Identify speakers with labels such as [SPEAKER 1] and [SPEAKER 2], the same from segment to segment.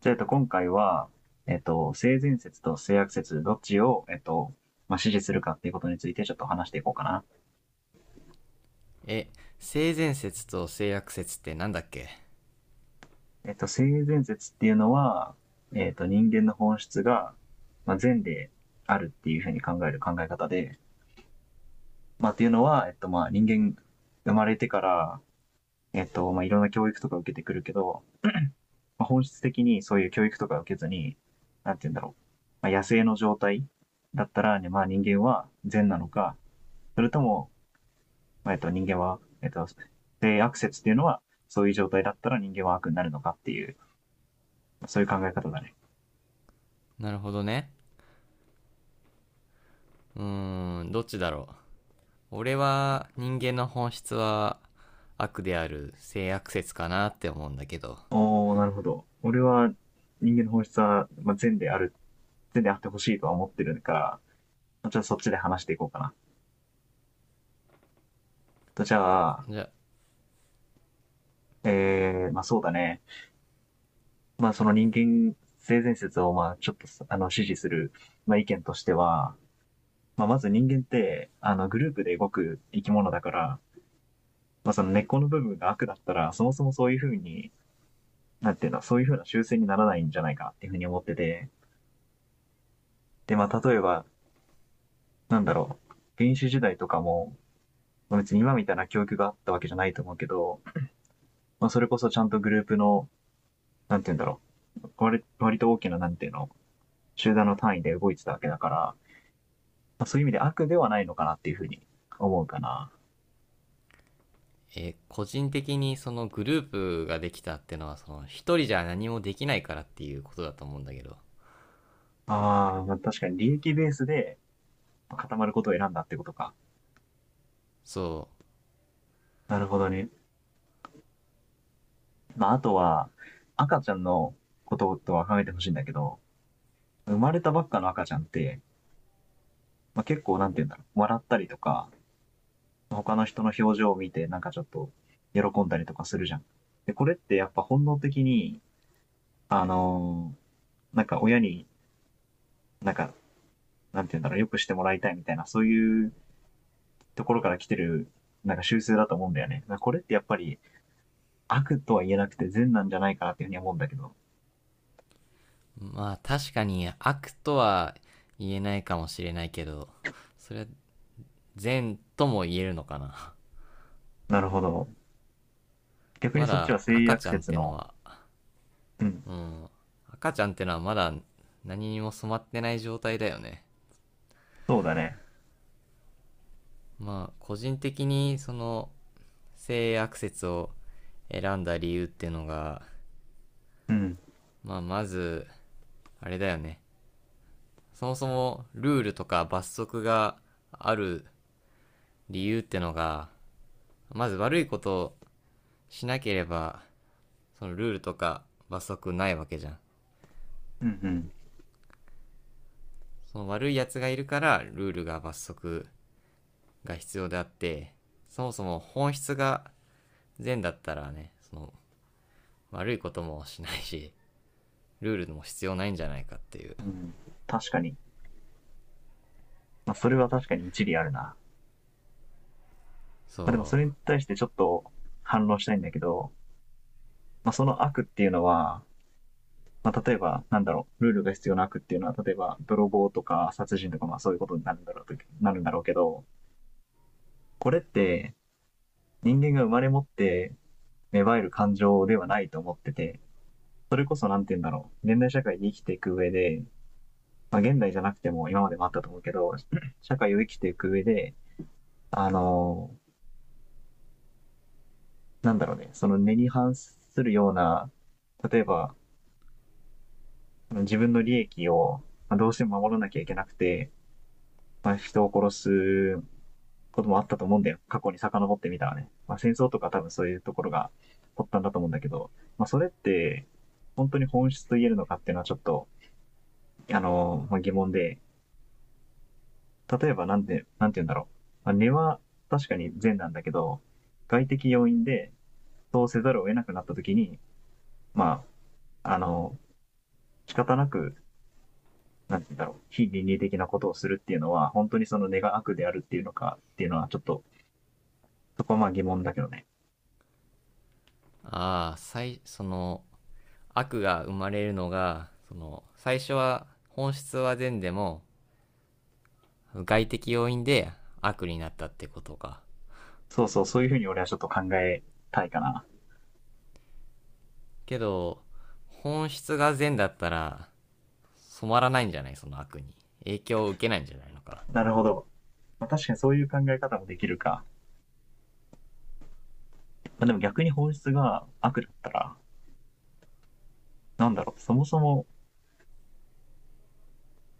[SPEAKER 1] じゃあ、今回は、性善説と性悪説、どっちを、まあ、支持するかっていうことについてちょっと話していこうかな。
[SPEAKER 2] え、性善説と性悪説ってなんだっけ。
[SPEAKER 1] 性善説っていうのは、人間の本質が、まあ、善であるっていうふうに考える考え方で、まあ、っていうのは、まあ、人間生まれてから、まあ、いろんな教育とか受けてくるけど、まあ、本質的にそういう教育とか受けずに、なんて言うんだろう。まあ、野生の状態だったら、ね、まあ、人間は善なのか、それとも人間は、性悪説っていうのは、そういう状態だったら人間は悪になるのかっていう、そういう考え方だね。
[SPEAKER 2] なるほどね。うーん、どっちだろう。俺は人間の本質は悪である性悪説かなって思うんだけど。
[SPEAKER 1] おー、なるほど。俺は人間の本質は、まあ、善である、善であってほしいとは思ってるから、じゃあそっちで話していこうかな。とじゃあ、
[SPEAKER 2] じゃ、
[SPEAKER 1] まあそうだね。まあその人間性善説を、まあちょっと、支持する、まあ意見としては、まあまず人間って、グループで動く生き物だから、まあその根っこの部分が悪だったら、そもそもそういうふうになんていうの、そういうふうな修正にならないんじゃないかなっていうふうに思ってて、で、まあ、例えば、なんだろう、原始時代とかも、別に今みたいな教育があったわけじゃないと思うけど、まあ、それこそちゃんとグループの、なんていうんだろう、割と大きな、なんていうの、集団の単位で動いてたわけだから、まあ、そういう意味で悪ではないのかなっていうふうに思うかな。
[SPEAKER 2] 個人的にそのグループができたってのはその一人じゃ何もできないからっていうことだと思うんだけど。
[SPEAKER 1] ああ、まあ、確かに利益ベースで固まることを選んだってことか。
[SPEAKER 2] そ
[SPEAKER 1] なるほどね。まあ、あとは、赤ちゃんのこととは考えてほしいんだけど、生まれたばっかの赤ちゃんって、まあ、結構なんて言うんだろう、笑ったりとか、他の人の表情を見てなんかちょっと喜んだりとかするじゃん。で、これってやっぱ本能的に、あのーなんか親になんか、なんて言うんだろう、よくしてもらいたいみたいな、そういうところから来てる、なんか習性だと思うんだよね。これってやっぱり悪とは言えなくて善なんじゃないかなっていうふうに思うんだけど。
[SPEAKER 2] う。まあ確かに悪とは言えないかもしれないけど、それは善とも言えるのかな。
[SPEAKER 1] なるほど。逆に
[SPEAKER 2] ま
[SPEAKER 1] そっちは
[SPEAKER 2] だ
[SPEAKER 1] 性
[SPEAKER 2] 赤
[SPEAKER 1] 悪
[SPEAKER 2] ちゃんっ
[SPEAKER 1] 説
[SPEAKER 2] ての
[SPEAKER 1] の、
[SPEAKER 2] は。
[SPEAKER 1] うん、
[SPEAKER 2] うん。赤ちゃんってのはまだ何にも染まってない状態だよね。
[SPEAKER 1] そうだね。
[SPEAKER 2] まあ、個人的にその性悪説を選んだ理由っていうのが、
[SPEAKER 1] うん、
[SPEAKER 2] まあ、まず、あれだよね。そもそもルールとか罰則がある理由ってのが、まず悪いことをしなければ、そのルールとか罰則ないわけじゃん。
[SPEAKER 1] うん、
[SPEAKER 2] その悪いやつがいるから、ルールが罰則が必要であって、そもそも本質が善だったらね、その悪いこともしないしルールも必要ないんじゃないかっていう。
[SPEAKER 1] うん。うん、確かに。まあ、それは確かに一理あるな。
[SPEAKER 2] そ
[SPEAKER 1] まあ、でも
[SPEAKER 2] う。
[SPEAKER 1] それに対してちょっと反論したいんだけど、まあ、その悪っていうのは、まあ、例えば、なんだろう、ルールが必要な悪っていうのは、例えば、泥棒とか殺人とか、まあそういうことになるんだろうと、なるんだろうけど、これって人間が生まれ持って芽生える感情ではないと思ってて、それこそなんて言うんだろう、現代社会に生きていく上で、まあ現代じゃなくても今までもあったと思うけど、社会を生きていく上で、あのーなんだろうね、その根に反するような、例えば自分の利益をどうしても守らなきゃいけなくて、まあ、人を殺すこともあったと思うんだよ。過去に遡ってみたらね。まあ、戦争とか多分そういうところが発端だと思うんだけど、まあ、それって本当に本質と言えるのかっていうのはちょっと、まあ、疑問で、例えばなんで、なんて言うんだろう。まあ、根は確かに善なんだけど、外的要因でそうせざるを得なくなった時に、まあ、仕方なくなんて言うんだろう、非倫理的なことをするっていうのは、本当にその根が悪であるっていうのかっていうのは、ちょっと、そこはまあ疑問だけどね。
[SPEAKER 2] ああ、その悪が生まれるのがその最初は本質は善でも外的要因で悪になったってことか。
[SPEAKER 1] そうそう、そういうふうに俺はちょっと考えたいかな。
[SPEAKER 2] けど本質が善だったら染まらないんじゃない、その悪に影響を受けないんじゃないのか
[SPEAKER 1] なるほど。まあ、確かにそういう考え方もできるか。まあ、でも逆に法律が悪だったら、なんだろう、そもそも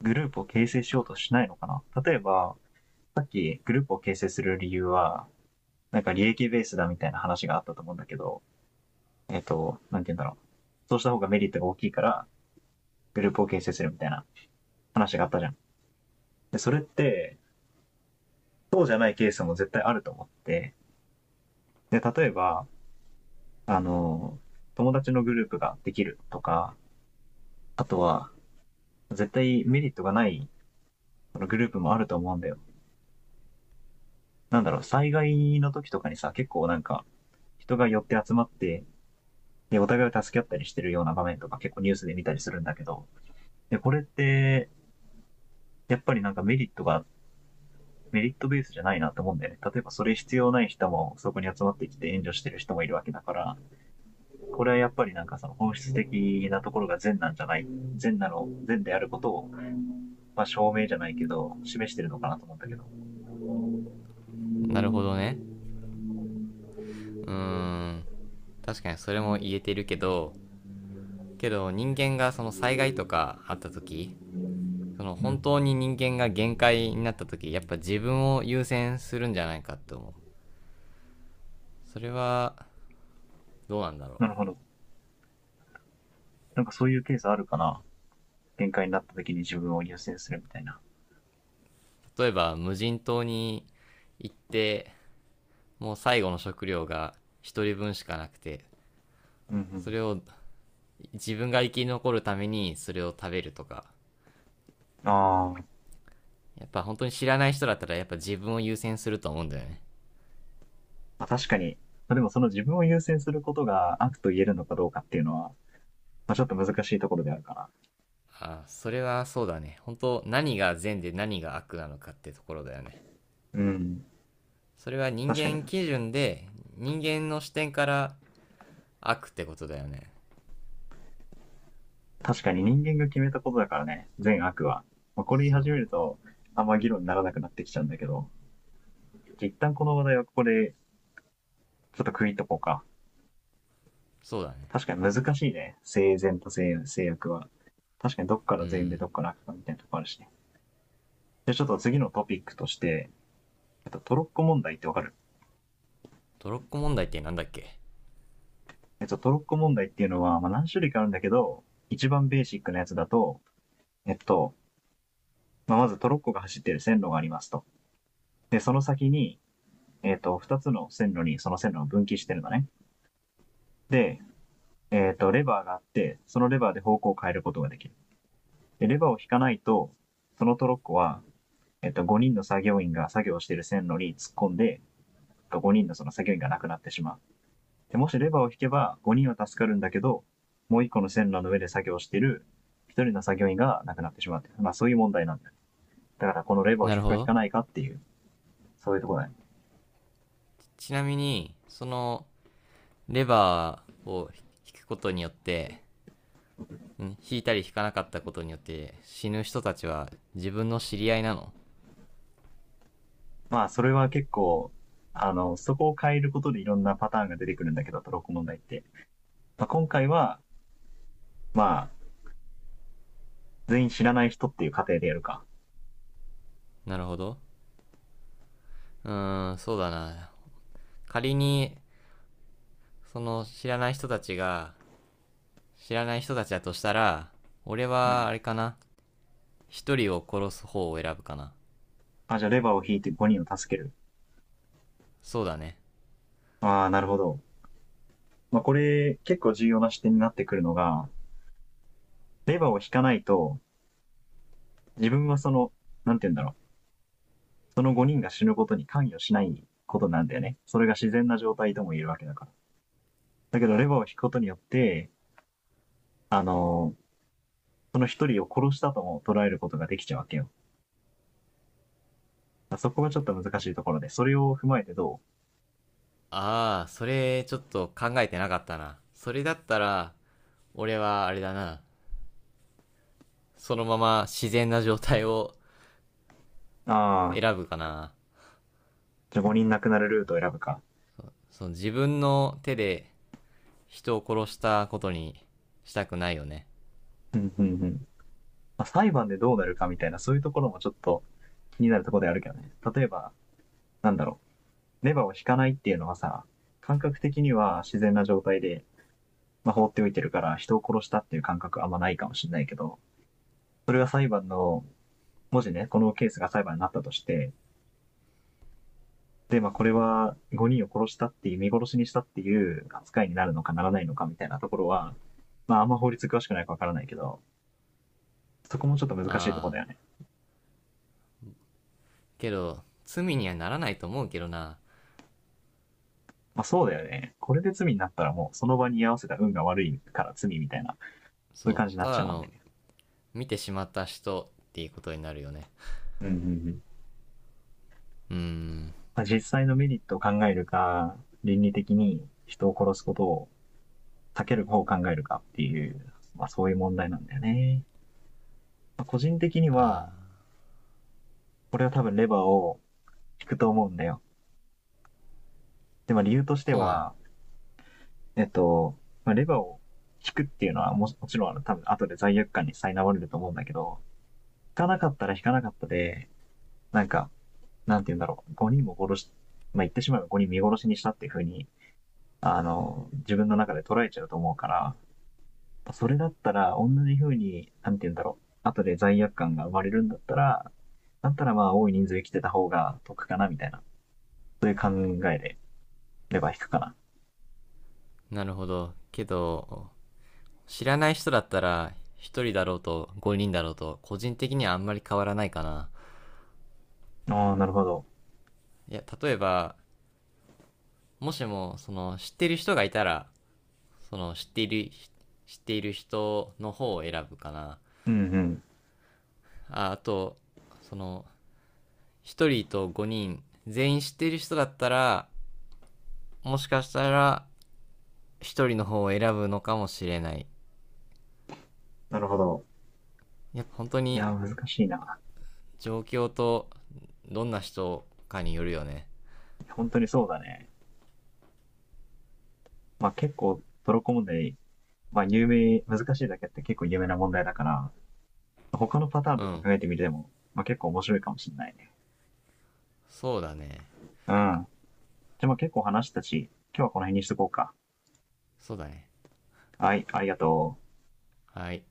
[SPEAKER 1] グループを形成しようとしないのかな。例えば、さっきグループを形成する理由は、なんか利益ベースだみたいな話があったと思うんだけど、なんて言うんだろう。そうした方がメリットが大きいから、グループを形成するみたいな話があったじゃん。で、それって、そうじゃないケースも絶対あると思って、で、例えば、あの、友達のグループができるとか、あとは、絶対メリットがないグループもあると思うんだよ。なんだろう、災害の時とかにさ、結構なんか、人が寄って集まって、で、お互いを助け合ったりしてるような場面とか結構ニュースで見たりするんだけど、で、これって、やっぱりなんかメリットベースじゃないなと思うんだよね。例えばそれ必要ない人もそこに集まってきて援助してる人もいるわけだから、これはやっぱりなんかその本質的なところが善なんじゃない、善なの、善であることを、まあ証明じゃないけど、示してるのかなと思ったけど。
[SPEAKER 2] な。なるほどね。うーん、確かにそれも言えてるけど、けど人間がその災害とかあった時、その
[SPEAKER 1] う
[SPEAKER 2] 本
[SPEAKER 1] ん。
[SPEAKER 2] 当に人間が限界になった時やっぱ自分を優先するんじゃないかって思う。それはどうなんだろ
[SPEAKER 1] なるほど。なんかそういうケースあるかな。限界になった時に自分を優先するみたいな。
[SPEAKER 2] う。例えば無人島に行ってもう最後の食料が一人分しかなくて、
[SPEAKER 1] うんう
[SPEAKER 2] そ
[SPEAKER 1] ん。
[SPEAKER 2] れを自分が生き残るためにそれを食べるとか。
[SPEAKER 1] あー
[SPEAKER 2] やっぱ本当に知らない人だったらやっぱ自分を優先すると思うんだよね。
[SPEAKER 1] まあ、確かに。まあでもその自分を優先することが悪と言えるのかどうかっていうのは、まあちょっと難しいところであるか
[SPEAKER 2] ああ、それはそうだね。本当何が善で何が悪なのかってところだよね。
[SPEAKER 1] な。うん。
[SPEAKER 2] それは人
[SPEAKER 1] 確かに。
[SPEAKER 2] 間基準で人間の視点から悪ってことだよね。
[SPEAKER 1] 確かに人間が決めたことだからね、善悪は。まあ、これ言い
[SPEAKER 2] そ
[SPEAKER 1] 始
[SPEAKER 2] う。
[SPEAKER 1] めると、あんま議論にならなくなってきちゃうんだけど、一旦この話題はここでちょっと区切っとこうか。
[SPEAKER 2] そうだね。
[SPEAKER 1] 確かに難しいね。生前と制約は。確かにどっか
[SPEAKER 2] う
[SPEAKER 1] ら善でど
[SPEAKER 2] ん。
[SPEAKER 1] っから悪かみたいなとこあるしね。じゃあちょっと次のトピックとして、トロッコ問題ってわかる？
[SPEAKER 2] トロッコ問題ってなんだっけ。
[SPEAKER 1] トロッコ問題っていうのは、まあ、何種類かあるんだけど、一番ベーシックなやつだと、えっと、まあ、まずトロッコが走ってる線路がありますと。で、その先に、二つの線路にその線路を分岐してるのね。で、レバーがあって、そのレバーで方向を変えることができる。で、レバーを引かないと、そのトロッコは5人の作業員が作業している線路に突っ込んで、5人のその作業員が亡くなってしまう。で、もしレバーを引けば5人は助かるんだけど、もう1個の線路の上で作業している1人の作業員が亡くなってしまう、まあそういう問題なんだよ。だからこのレバーを
[SPEAKER 2] な
[SPEAKER 1] 引
[SPEAKER 2] る
[SPEAKER 1] く
[SPEAKER 2] ほ
[SPEAKER 1] か引
[SPEAKER 2] ど。
[SPEAKER 1] かないかっていう、そういうところだね。
[SPEAKER 2] ちなみにそのレバーを引くことによって引いたり引かなかったことによって死ぬ人たちは自分の知り合いなの。
[SPEAKER 1] まあそれは結構、そこを変えることでいろんなパターンが出てくるんだけど、トロッコ問題って。今回は、まあ、全員知らない人っていう過程でやるか。
[SPEAKER 2] なるほど。うーん、そうだな。仮にその知らない人たちが知らない人たちだとしたら俺
[SPEAKER 1] う
[SPEAKER 2] は
[SPEAKER 1] ん。
[SPEAKER 2] あれかな。一人を殺す方を選ぶかな。
[SPEAKER 1] あ、じゃあレバーを引いて5人を助ける。
[SPEAKER 2] そうだね。
[SPEAKER 1] ああ、なるほど。まあ、これ結構重要な視点になってくるのが、レバーを引かないと、自分はその、なんて言うんだろう、その5人が死ぬことに関与しないことなんだよね。それが自然な状態とも言えるわけだから。だけど、レバーを引くことによって、あのーその1人を殺したとも捉えることができちゃうわけよ。そこがちょっと難しいところで、それを踏まえてど
[SPEAKER 2] ああ、それちょっと考えてなかったな。それだったら、俺はあれだな。そのまま自然な状態を
[SPEAKER 1] うああ、
[SPEAKER 2] 選ぶかな。
[SPEAKER 1] じゃあ5人亡くなるルートを選ぶか。
[SPEAKER 2] その自分の手で人を殺したことにしたくないよね。
[SPEAKER 1] うんうんうん。まあ、裁判でどうなるかみたいな、そういうところもちょっと気になるところであるけどね。例えば、なんだろう。レバーを引かないっていうのはさ、感覚的には自然な状態で、まあ、放っておいてるから人を殺したっていう感覚はあんまないかもしれないけど、それが裁判の、もしね、このケースが裁判になったとして、で、まあ、これは5人を殺したっていう、見殺しにしたっていう扱いになるのかならないのかみたいなところは、まあ、あんま法律詳しくないかわからないけど、そこもちょっと難しいところ
[SPEAKER 2] あ
[SPEAKER 1] だよ
[SPEAKER 2] あ、
[SPEAKER 1] ね。
[SPEAKER 2] けど、罪にはならないと思うけどな。
[SPEAKER 1] まあ、そうだよね。これで罪になったらもう、その場に居合わせた運が悪いから罪みたいな、そういう
[SPEAKER 2] そ
[SPEAKER 1] 感じに
[SPEAKER 2] う、
[SPEAKER 1] なっ
[SPEAKER 2] た
[SPEAKER 1] ち
[SPEAKER 2] だ
[SPEAKER 1] ゃうもん
[SPEAKER 2] の
[SPEAKER 1] ね。
[SPEAKER 2] 見てしまった人っていうことになるよね。
[SPEAKER 1] うんうんうん。
[SPEAKER 2] うーん。
[SPEAKER 1] まあ実際のメリットを考えるか、倫理的に人を殺すことを避ける方を考えるかっていう、まあそういう問題なんだよね。まあ個人的に
[SPEAKER 2] あ
[SPEAKER 1] は、
[SPEAKER 2] あ、
[SPEAKER 1] これは多分レバーを引くと思うんだよ。で、まあ理由として
[SPEAKER 2] そうなの。
[SPEAKER 1] は、えっと、まあレバーを引くっていうのはもちろん多分後で罪悪感に苛まれると思うんだけど、引かなかったら引かなかったで、なんか、なんて言うんだろう、5人も殺し、まあ言ってしまえば5人見殺しにしたっていうふうに、自分の中で捉えちゃうと思うから、それだったら、同じ風に、なんて言うんだろう。後で罪悪感が生まれるんだったら、だったらまあ多い人数生きてた方が得かな、みたいな。そういう考えで、レバー引くかな。
[SPEAKER 2] なるほど。けど、知らない人だったら、一人だろうと5人だろうと、個人的にはあんまり変わらないかな。
[SPEAKER 1] ああ、なるほど。
[SPEAKER 2] いや、例えば、もしも、その、知ってる人がいたら、その、知っている人の方を選ぶかな。
[SPEAKER 1] うんうん。
[SPEAKER 2] ああと、その、一人と5人、全員知ってる人だったら、もしかしたら、一人の方を選ぶのかもしれない。
[SPEAKER 1] なるほど。
[SPEAKER 2] やっぱ本当
[SPEAKER 1] い
[SPEAKER 2] に、
[SPEAKER 1] や難しいな。
[SPEAKER 2] 状況と、どんな人かによるよね。
[SPEAKER 1] 本当にそうだね。まあ結構、トロッコ問題、まあ有名、難しいだけあって結構有名な問題だから、他のパターン
[SPEAKER 2] う
[SPEAKER 1] とか
[SPEAKER 2] ん。
[SPEAKER 1] 考えてみても、まあ結構面白いかもしれないね。
[SPEAKER 2] そうだね。
[SPEAKER 1] うん。じゃあまあ結構話したし、今日はこの辺にしとこうか。
[SPEAKER 2] そうだね。
[SPEAKER 1] はい、ありがとう。
[SPEAKER 2] はい。